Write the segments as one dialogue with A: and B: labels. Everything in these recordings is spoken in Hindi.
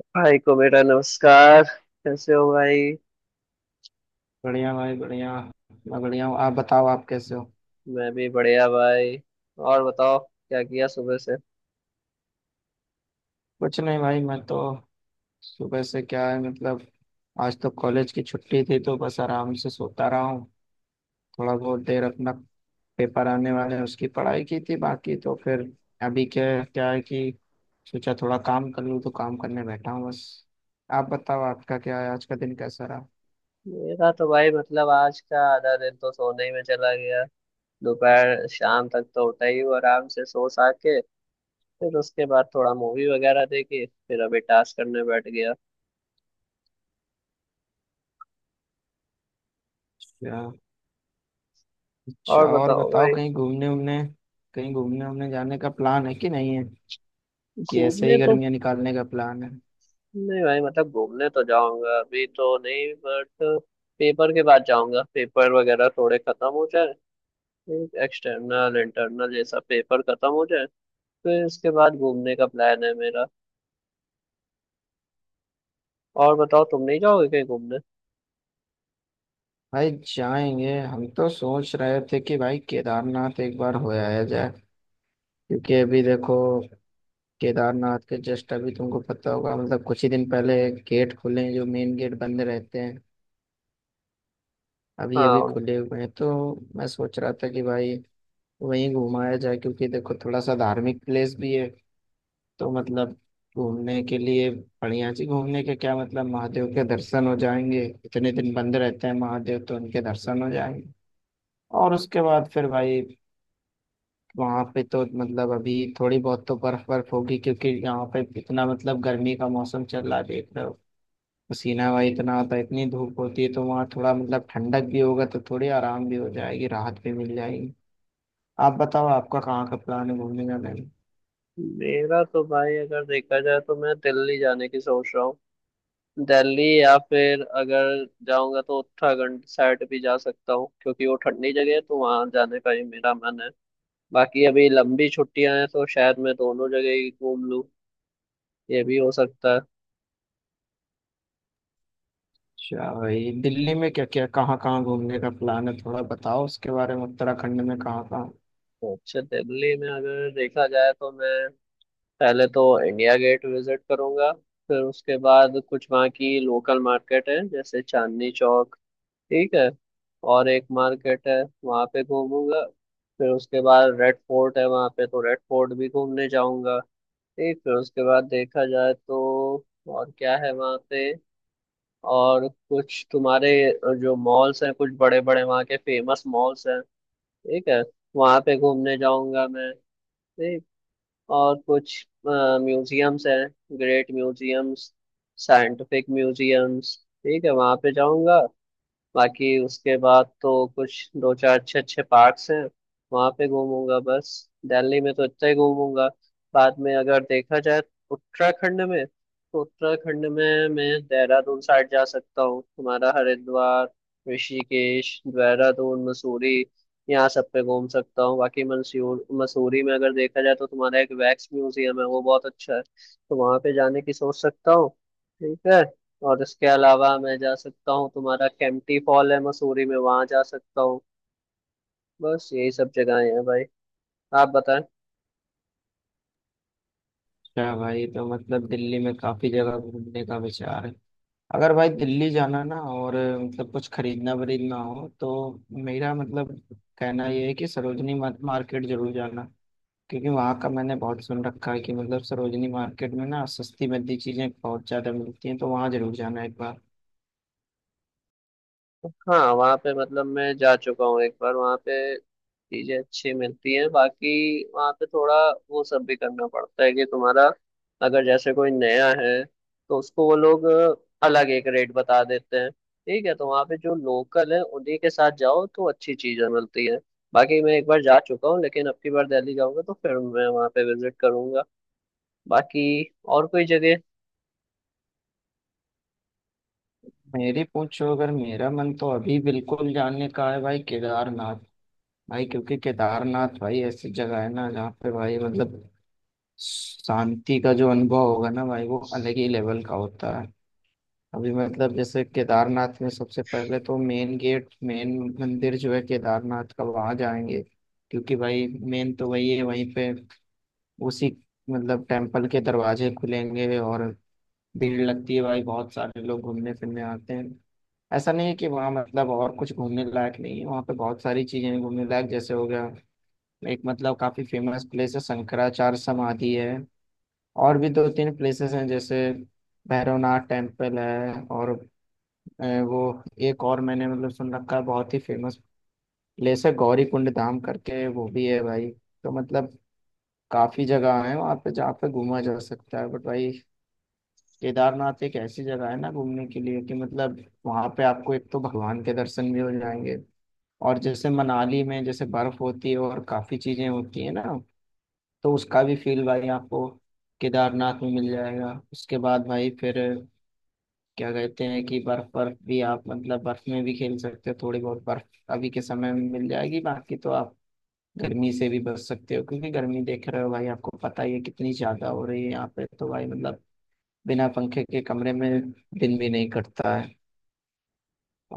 A: भाई को बेटा नमस्कार। कैसे हो भाई?
B: बढ़िया भाई बढ़िया। मैं बढ़िया हूँ, आप बताओ आप कैसे हो।
A: मैं भी बढ़िया भाई। और बताओ क्या किया सुबह से?
B: कुछ नहीं भाई, मैं तो सुबह से क्या है मतलब आज तो कॉलेज की छुट्टी थी तो बस आराम से सोता रहा हूँ। थोड़ा बहुत देर अपना पेपर आने वाले हैं उसकी पढ़ाई की थी, बाकी तो फिर अभी क्या क्या है कि सोचा थोड़ा काम कर लूँ तो काम करने बैठा हूँ बस। आप बताओ आपका क्या है, आज का दिन कैसा रहा।
A: मेरा तो भाई मतलब आज का आधा दिन तो सोने ही में चला गया। दोपहर शाम तक तो उठा ही हूँ आराम से सो सा के। फिर उसके बाद थोड़ा मूवी वगैरह देखी, फिर अभी टास्क करने बैठ गया।
B: अच्छा। अच्छा,
A: और
B: और
A: बताओ
B: बताओ
A: भाई।
B: कहीं घूमने उमने जाने का प्लान है कि नहीं है, कि ऐसे
A: घूमने
B: ही
A: तो
B: गर्मियाँ निकालने का प्लान है।
A: नहीं भाई, मतलब घूमने तो जाऊंगा अभी तो नहीं बट पेपर के बाद जाऊंगा, पेपर वगैरह थोड़े खत्म हो जाए, एक एक्सटर्नल इंटरनल ये सब पेपर खत्म हो जाए, फिर इसके बाद घूमने का प्लान है मेरा। और बताओ तुम नहीं जाओगे कहीं घूमने?
B: भाई जाएंगे, हम तो सोच रहे थे कि भाई केदारनाथ एक बार हो आया जाए। क्योंकि अभी देखो केदारनाथ के जस्ट अभी तुमको पता होगा मतलब कुछ ही दिन पहले गेट खुले हैं जो मेन गेट बंद रहते हैं। अभी अभी
A: हाँ,
B: खुले हुए हैं तो मैं सोच रहा था कि भाई वहीं घुमाया जाए क्योंकि देखो थोड़ा सा धार्मिक प्लेस भी है तो मतलब घूमने के लिए बढ़िया जी। घूमने के क्या मतलब, महादेव के दर्शन हो जाएंगे, इतने दिन बंद रहते हैं महादेव तो उनके दर्शन हो जाएंगे। और उसके बाद फिर भाई वहां पे तो मतलब अभी थोड़ी बहुत तो बर्फ बर्फ होगी क्योंकि यहाँ पे इतना मतलब गर्मी का मौसम चल रहा है देख रहे हो। पसीना भाई इतना आता है, इतनी धूप होती है तो वहाँ थोड़ा मतलब ठंडक भी होगा तो थोड़ी आराम भी हो जाएगी, राहत भी मिल जाएगी। आप बताओ आपका कहाँ का प्लान है घूमने का, नहीं।
A: मेरा तो भाई अगर देखा जाए तो मैं दिल्ली जाने की सोच रहा हूँ। दिल्ली या फिर अगर जाऊंगा तो उत्तराखंड साइड भी जा सकता हूँ, क्योंकि वो ठंडी जगह है तो वहां जाने का ही मेरा मन है। बाकी अभी लंबी छुट्टियां हैं तो शायद मैं दोनों जगह ही घूम लूँ, ये भी हो सकता है।
B: अच्छा भाई, दिल्ली में क्या क्या कहाँ कहाँ घूमने का प्लान है थोड़ा बताओ उसके बारे में, उत्तराखंड में कहाँ कहाँ।
A: तो अच्छा, दिल्ली में अगर देखा जाए तो मैं पहले तो इंडिया गेट विजिट करूंगा। फिर उसके बाद कुछ वहाँ की लोकल मार्केट है जैसे चांदनी चौक, ठीक है, और एक मार्केट है, वहाँ पे घूमूंगा। फिर उसके बाद रेड फोर्ट है वहाँ पे, तो रेड फोर्ट भी घूमने जाऊंगा। ठीक, फिर उसके बाद देखा जाए तो और क्या है वहाँ पे, और कुछ तुम्हारे जो मॉल्स हैं, कुछ बड़े बड़े वहाँ के फेमस मॉल्स हैं, ठीक है, वहाँ पे घूमने जाऊंगा मैं। ठीक। और कुछ म्यूजियम्स हैं, ग्रेट म्यूजियम्स, साइंटिफिक म्यूजियम्स, ठीक है, वहां पे जाऊंगा। बाकी उसके बाद तो कुछ दो चार अच्छे अच्छे पार्क्स हैं, वहाँ पे घूमूंगा बस। दिल्ली में तो इतना ही घूमूंगा। बाद में अगर देखा जाए उत्तराखंड में, तो उत्तराखंड में मैं देहरादून साइड जा सकता हूँ, तुम्हारा हरिद्वार, ऋषिकेश, देहरादून, मसूरी, यहाँ सब पे घूम सकता हूँ। बाकी मंसूर मसूरी में अगर देखा जाए तो तुम्हारा एक वैक्स म्यूजियम है, वो बहुत अच्छा है, तो वहाँ पे जाने की सोच सकता हूँ। ठीक है, और इसके अलावा मैं जा सकता हूँ तुम्हारा केम्प्टी फॉल है मसूरी में, वहां जा सकता हूँ। बस यही सब जगहें हैं भाई, आप बताएं।
B: अच्छा भाई, तो मतलब दिल्ली में काफी जगह घूमने का विचार है। अगर भाई दिल्ली जाना ना और मतलब कुछ खरीदना वरीदना हो तो मेरा मतलब कहना ये है कि सरोजनी मार्केट जरूर जाना। क्योंकि वहाँ का मैंने बहुत सुन रखा है कि मतलब सरोजनी मार्केट में ना सस्ती मद्दी चीजें बहुत ज्यादा मिलती हैं तो वहाँ जरूर जाना एक बार।
A: हाँ, वहाँ पे मतलब मैं जा चुका हूँ एक बार, वहाँ पे चीजें अच्छी मिलती हैं। बाकी वहाँ पे थोड़ा वो सब भी करना पड़ता है कि तुम्हारा अगर जैसे कोई नया है तो उसको वो लोग अलग एक रेट बता देते हैं, ठीक है, तो वहाँ पे जो लोकल है उन्हीं के साथ जाओ तो अच्छी चीजें मिलती हैं। बाकी मैं एक बार जा चुका हूँ, लेकिन अब की बार दिल्ली जाऊंगा तो फिर मैं वहाँ पे विजिट करूंगा। बाकी और कोई जगह
B: मेरी पूछो अगर मेरा मन तो अभी बिल्कुल जाने का है भाई, केदारनाथ भाई। क्योंकि केदारनाथ भाई ऐसी जगह है ना जहाँ पे भाई मतलब शांति का जो अनुभव होगा ना भाई वो अलग ही लेवल का होता है। अभी मतलब जैसे केदारनाथ में सबसे पहले तो मेन गेट, मेन मंदिर जो है केदारनाथ का वहाँ जाएंगे, क्योंकि भाई मेन तो वही है। वहीं पे उसी मतलब टेम्पल के दरवाजे खुलेंगे और भीड़ लगती है भाई, बहुत सारे लोग घूमने फिरने आते हैं। ऐसा नहीं है कि वहाँ मतलब और कुछ घूमने लायक नहीं है, वहाँ पे बहुत सारी चीजें हैं घूमने लायक। जैसे हो गया, एक मतलब काफी फेमस प्लेस है शंकराचार्य समाधि है, और भी दो तीन प्लेसेस हैं जैसे भैरवनाथ टेम्पल है और अ, वो एक और मैंने मतलब सुन रखा है बहुत ही फेमस प्लेस है गौरी कुंड धाम करके, वो भी है भाई। तो मतलब काफी जगह है वहाँ पे जहाँ पे घूमा जा सकता है बट भाई केदारनाथ एक ऐसी जगह है ना घूमने के लिए कि मतलब वहाँ पे आपको एक तो भगवान के दर्शन भी हो जाएंगे। और जैसे मनाली में जैसे बर्फ होती है और काफी चीजें होती है ना, तो उसका भी फील भाई आपको केदारनाथ में मिल जाएगा। उसके बाद भाई फिर क्या कहते हैं कि बर्फ बर्फ भी आप मतलब बर्फ में भी खेल सकते हो, थोड़ी बहुत बर्फ अभी के समय में मिल जाएगी। बाकी तो आप गर्मी से भी बच सकते हो क्योंकि गर्मी देख रहे हो भाई आपको पता ही है कितनी ज्यादा हो रही है यहाँ पे तो भाई मतलब बिना पंखे के कमरे में दिन भी नहीं कटता है।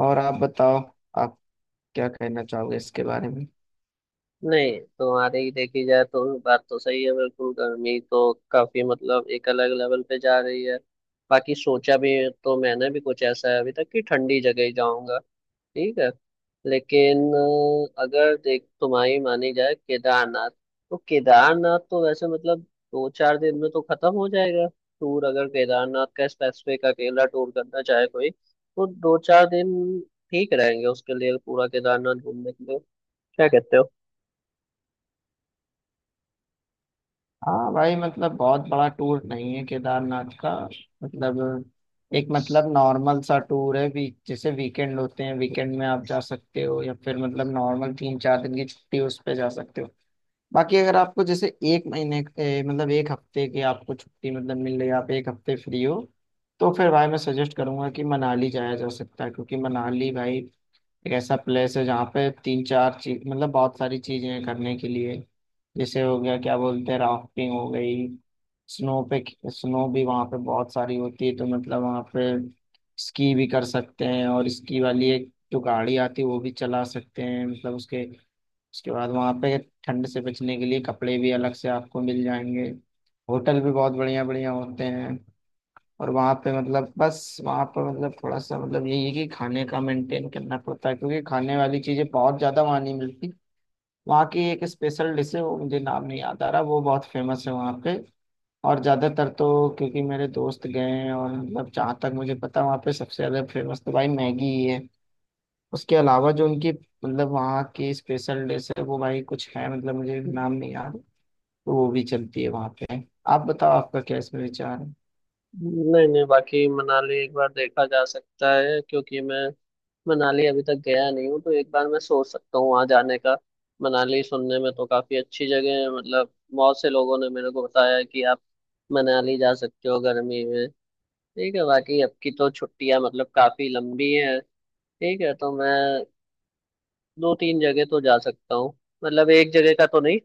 B: और आप बताओ, आप क्या कहना चाहोगे इसके बारे में।
A: नहीं। तुम्हारी ही देखी जाए तो बात तो सही है, बिल्कुल गर्मी तो काफी मतलब एक अलग लेवल पे जा रही है। बाकी सोचा भी तो मैंने भी कुछ ऐसा है अभी तक कि ठंडी जगह ही जाऊंगा, ठीक है। लेकिन अगर देख तुम्हारी मानी जाए केदारनाथ, तो केदारनाथ तो वैसे मतलब दो चार दिन में तो खत्म हो जाएगा टूर, अगर केदारनाथ का स्पेसिफिक अकेला टूर करना चाहे कोई तो दो चार दिन ठीक रहेंगे उसके लिए, पूरा केदारनाथ घूमने के लिए। क्या कहते
B: हाँ भाई मतलब बहुत बड़ा टूर नहीं है केदारनाथ का, मतलब एक मतलब नॉर्मल सा टूर है। वीक जैसे वीकेंड होते हैं, वीकेंड में आप जा सकते हो या फिर मतलब नॉर्मल तीन चार दिन की छुट्टी उस पे जा सकते हो। बाकी अगर आपको जैसे एक महीने मतलब एक हफ्ते की आपको छुट्टी मतलब मिल रही है, आप एक हफ्ते फ्री हो, तो फिर भाई मैं सजेस्ट करूंगा कि मनाली जाया जा सकता है। क्योंकि मनाली भाई एक ऐसा प्लेस है जहाँ पे तीन चार चीज मतलब बहुत सारी चीजें हैं करने के लिए। जैसे हो गया क्या बोलते हैं राफ्टिंग हो गई, स्नो पे स्नो भी वहाँ पे बहुत सारी होती है तो मतलब वहाँ पे स्की भी कर सकते हैं। और स्की वाली एक जो गाड़ी आती है वो भी चला सकते हैं मतलब उसके उसके बाद वहाँ पे ठंड से बचने के लिए कपड़े भी अलग से आपको मिल जाएंगे। होटल भी बहुत बढ़िया बढ़िया होते हैं। और वहाँ पे मतलब बस वहाँ पे मतलब थोड़ा सा मतलब यही है कि खाने का मेंटेन करना पड़ता है क्योंकि खाने वाली चीज़ें बहुत ज़्यादा वहाँ नहीं मिलती। वहाँ की एक स्पेशल डिश है वो मुझे नाम नहीं याद आ रहा, वो बहुत फेमस है वहाँ पे। और ज़्यादातर तो क्योंकि मेरे दोस्त गए हैं और मतलब जहाँ तक मुझे पता है वहाँ पे सबसे ज़्यादा फेमस तो भाई मैगी ही है। उसके अलावा जो उनकी मतलब वहाँ की स्पेशल डिश है वो भाई कुछ है मतलब मुझे
A: हो?
B: नाम नहीं याद। तो वो भी चलती है वहाँ पे। आप बताओ आपका क्या इसमें विचार है।
A: नहीं नहीं, बाकी मनाली एक बार देखा जा सकता है, क्योंकि मैं मनाली अभी तक गया नहीं हूँ तो एक बार मैं सोच सकता हूँ वहाँ जाने का। मनाली सुनने में तो काफी अच्छी जगह है, मतलब बहुत से लोगों ने मेरे को बताया है कि आप मनाली जा सकते हो गर्मी में। ठीक है, बाकी अब की तो छुट्टियां मतलब काफी लंबी है, ठीक है, तो मैं दो तीन जगह तो जा सकता हूँ। मतलब एक जगह का तो नहीं,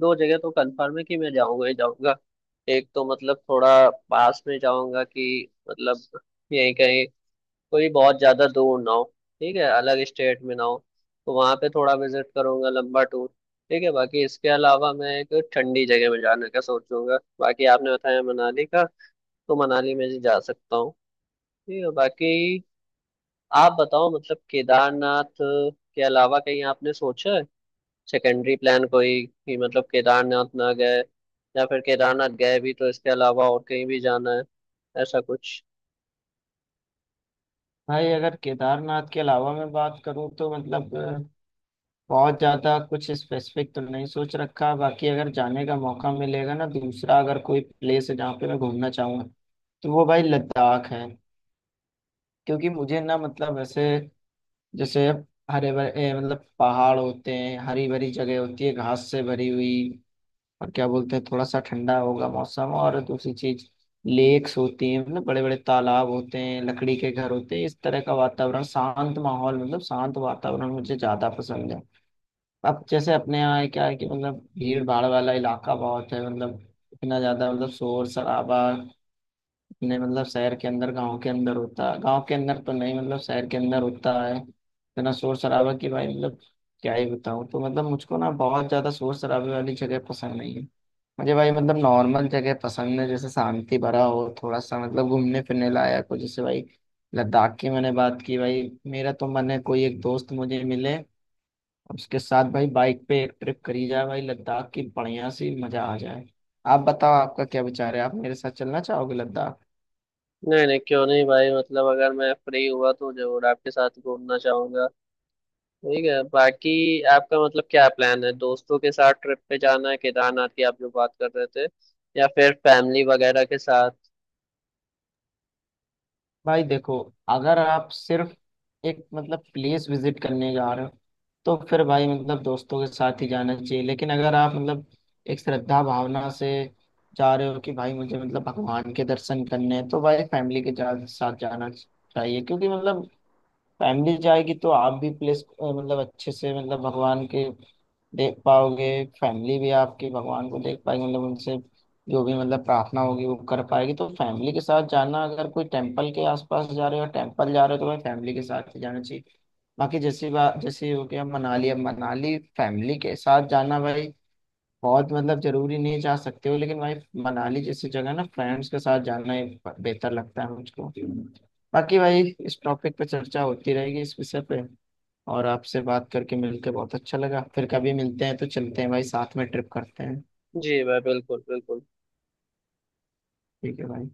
A: दो जगह तो कंफर्म है कि मैं जाऊंगा ही जाऊंगा। एक तो मतलब थोड़ा पास में जाऊंगा कि मतलब यहीं कहीं, कोई बहुत ज्यादा दूर ना हो, ठीक है, अलग स्टेट में ना हो, तो वहां पे थोड़ा विजिट करूंगा लंबा टूर। ठीक है, बाकी इसके अलावा मैं एक ठंडी जगह में जाने का सोचूंगा, बाकी आपने बताया मनाली का तो मनाली में भी जा सकता हूँ। ठीक है, बाकी आप बताओ मतलब केदारनाथ के अलावा कहीं आपने सोचा है सेकेंडरी प्लान कोई? कि मतलब केदारनाथ ना गए या फिर केदारनाथ गए भी तो इसके अलावा और कहीं भी जाना है, ऐसा कुछ?
B: भाई अगर केदारनाथ के अलावा मैं बात करूँ तो मतलब बहुत ज़्यादा कुछ स्पेसिफिक तो नहीं सोच रखा। बाकी अगर जाने का मौका मिलेगा ना, दूसरा अगर कोई प्लेस है जहाँ पे मैं घूमना चाहूँगा तो वो भाई लद्दाख है। क्योंकि मुझे ना मतलब ऐसे जैसे हरे भरे मतलब पहाड़ होते हैं, हरी भरी जगह होती है घास से भरी हुई। और क्या बोलते हैं थोड़ा सा ठंडा होगा मौसम, और दूसरी चीज लेक्स होती हैं मतलब बड़े बड़े तालाब होते हैं, लकड़ी के घर होते हैं। इस तरह का वातावरण, शांत माहौल मतलब शांत वातावरण मुझे ज्यादा पसंद है। अब जैसे अपने यहाँ है क्या है कि मतलब भीड़ भाड़ वाला इलाका बहुत है, मतलब इतना ज्यादा मतलब शोर शराबा। नहीं मतलब शहर के अंदर, गांव के अंदर होता है, गांव के अंदर तो नहीं मतलब शहर के अंदर होता है इतना शोर शराबा की भाई मतलब क्या ही बताऊँ। तो मतलब मुझको ना बहुत ज्यादा शोर शराबे वाली जगह पसंद नहीं है। मुझे भाई मतलब नॉर्मल जगह पसंद है, जैसे शांति भरा हो थोड़ा सा मतलब घूमने फिरने लायक हो। जैसे भाई लद्दाख की मैंने बात की भाई, मेरा तो मन है कोई एक दोस्त मुझे मिले, उसके साथ भाई बाइक पे एक ट्रिप करी जाए भाई लद्दाख की, बढ़िया सी मजा आ जाए। आप बताओ आपका क्या विचार है, आप मेरे साथ चलना चाहोगे लद्दाख।
A: नहीं नहीं, क्यों नहीं भाई, मतलब अगर मैं फ्री हुआ तो जरूर आपके साथ घूमना चाहूंगा। ठीक है, बाकी आपका मतलब क्या प्लान है, दोस्तों के साथ ट्रिप पे जाना है केदारनाथ की आप जो बात कर रहे थे, या फिर फैमिली वगैरह के साथ?
B: भाई देखो, अगर आप सिर्फ एक मतलब प्लेस विजिट करने जा रहे हो तो फिर भाई मतलब दोस्तों के साथ ही जाना चाहिए। लेकिन अगर आप मतलब एक श्रद्धा भावना से जा रहे हो कि भाई मुझे मतलब भगवान के दर्शन करने हैं तो भाई फैमिली के साथ जाना चाहिए। क्योंकि मतलब फैमिली जाएगी तो आप भी प्लेस मतलब अच्छे से मतलब भगवान के देख पाओगे। फैमिली भी आपकी भगवान को देख पाएगी मतलब उनसे जो भी मतलब प्रार्थना होगी वो कर पाएगी। तो फैमिली के साथ जाना, अगर कोई टेम्पल के आसपास जा रहे हो टेम्पल जा रहे हो तो भाई फैमिली के साथ ही जाना चाहिए। बाकी जैसी बात, जैसे हो गया मनाली, अब मनाली फैमिली के साथ जाना भाई बहुत मतलब जरूरी नहीं, जा सकते हो लेकिन भाई मनाली जैसी जगह ना फ्रेंड्स के साथ जाना ही बेहतर लगता है मुझको। बाकी भाई इस टॉपिक पे चर्चा होती रहेगी इस विषय पे, और आपसे बात करके मिलके बहुत अच्छा लगा, फिर कभी मिलते हैं। तो चलते हैं भाई, साथ में ट्रिप करते हैं।
A: जी भाई, बिल्कुल बिल्कुल।
B: ठीक है भाई।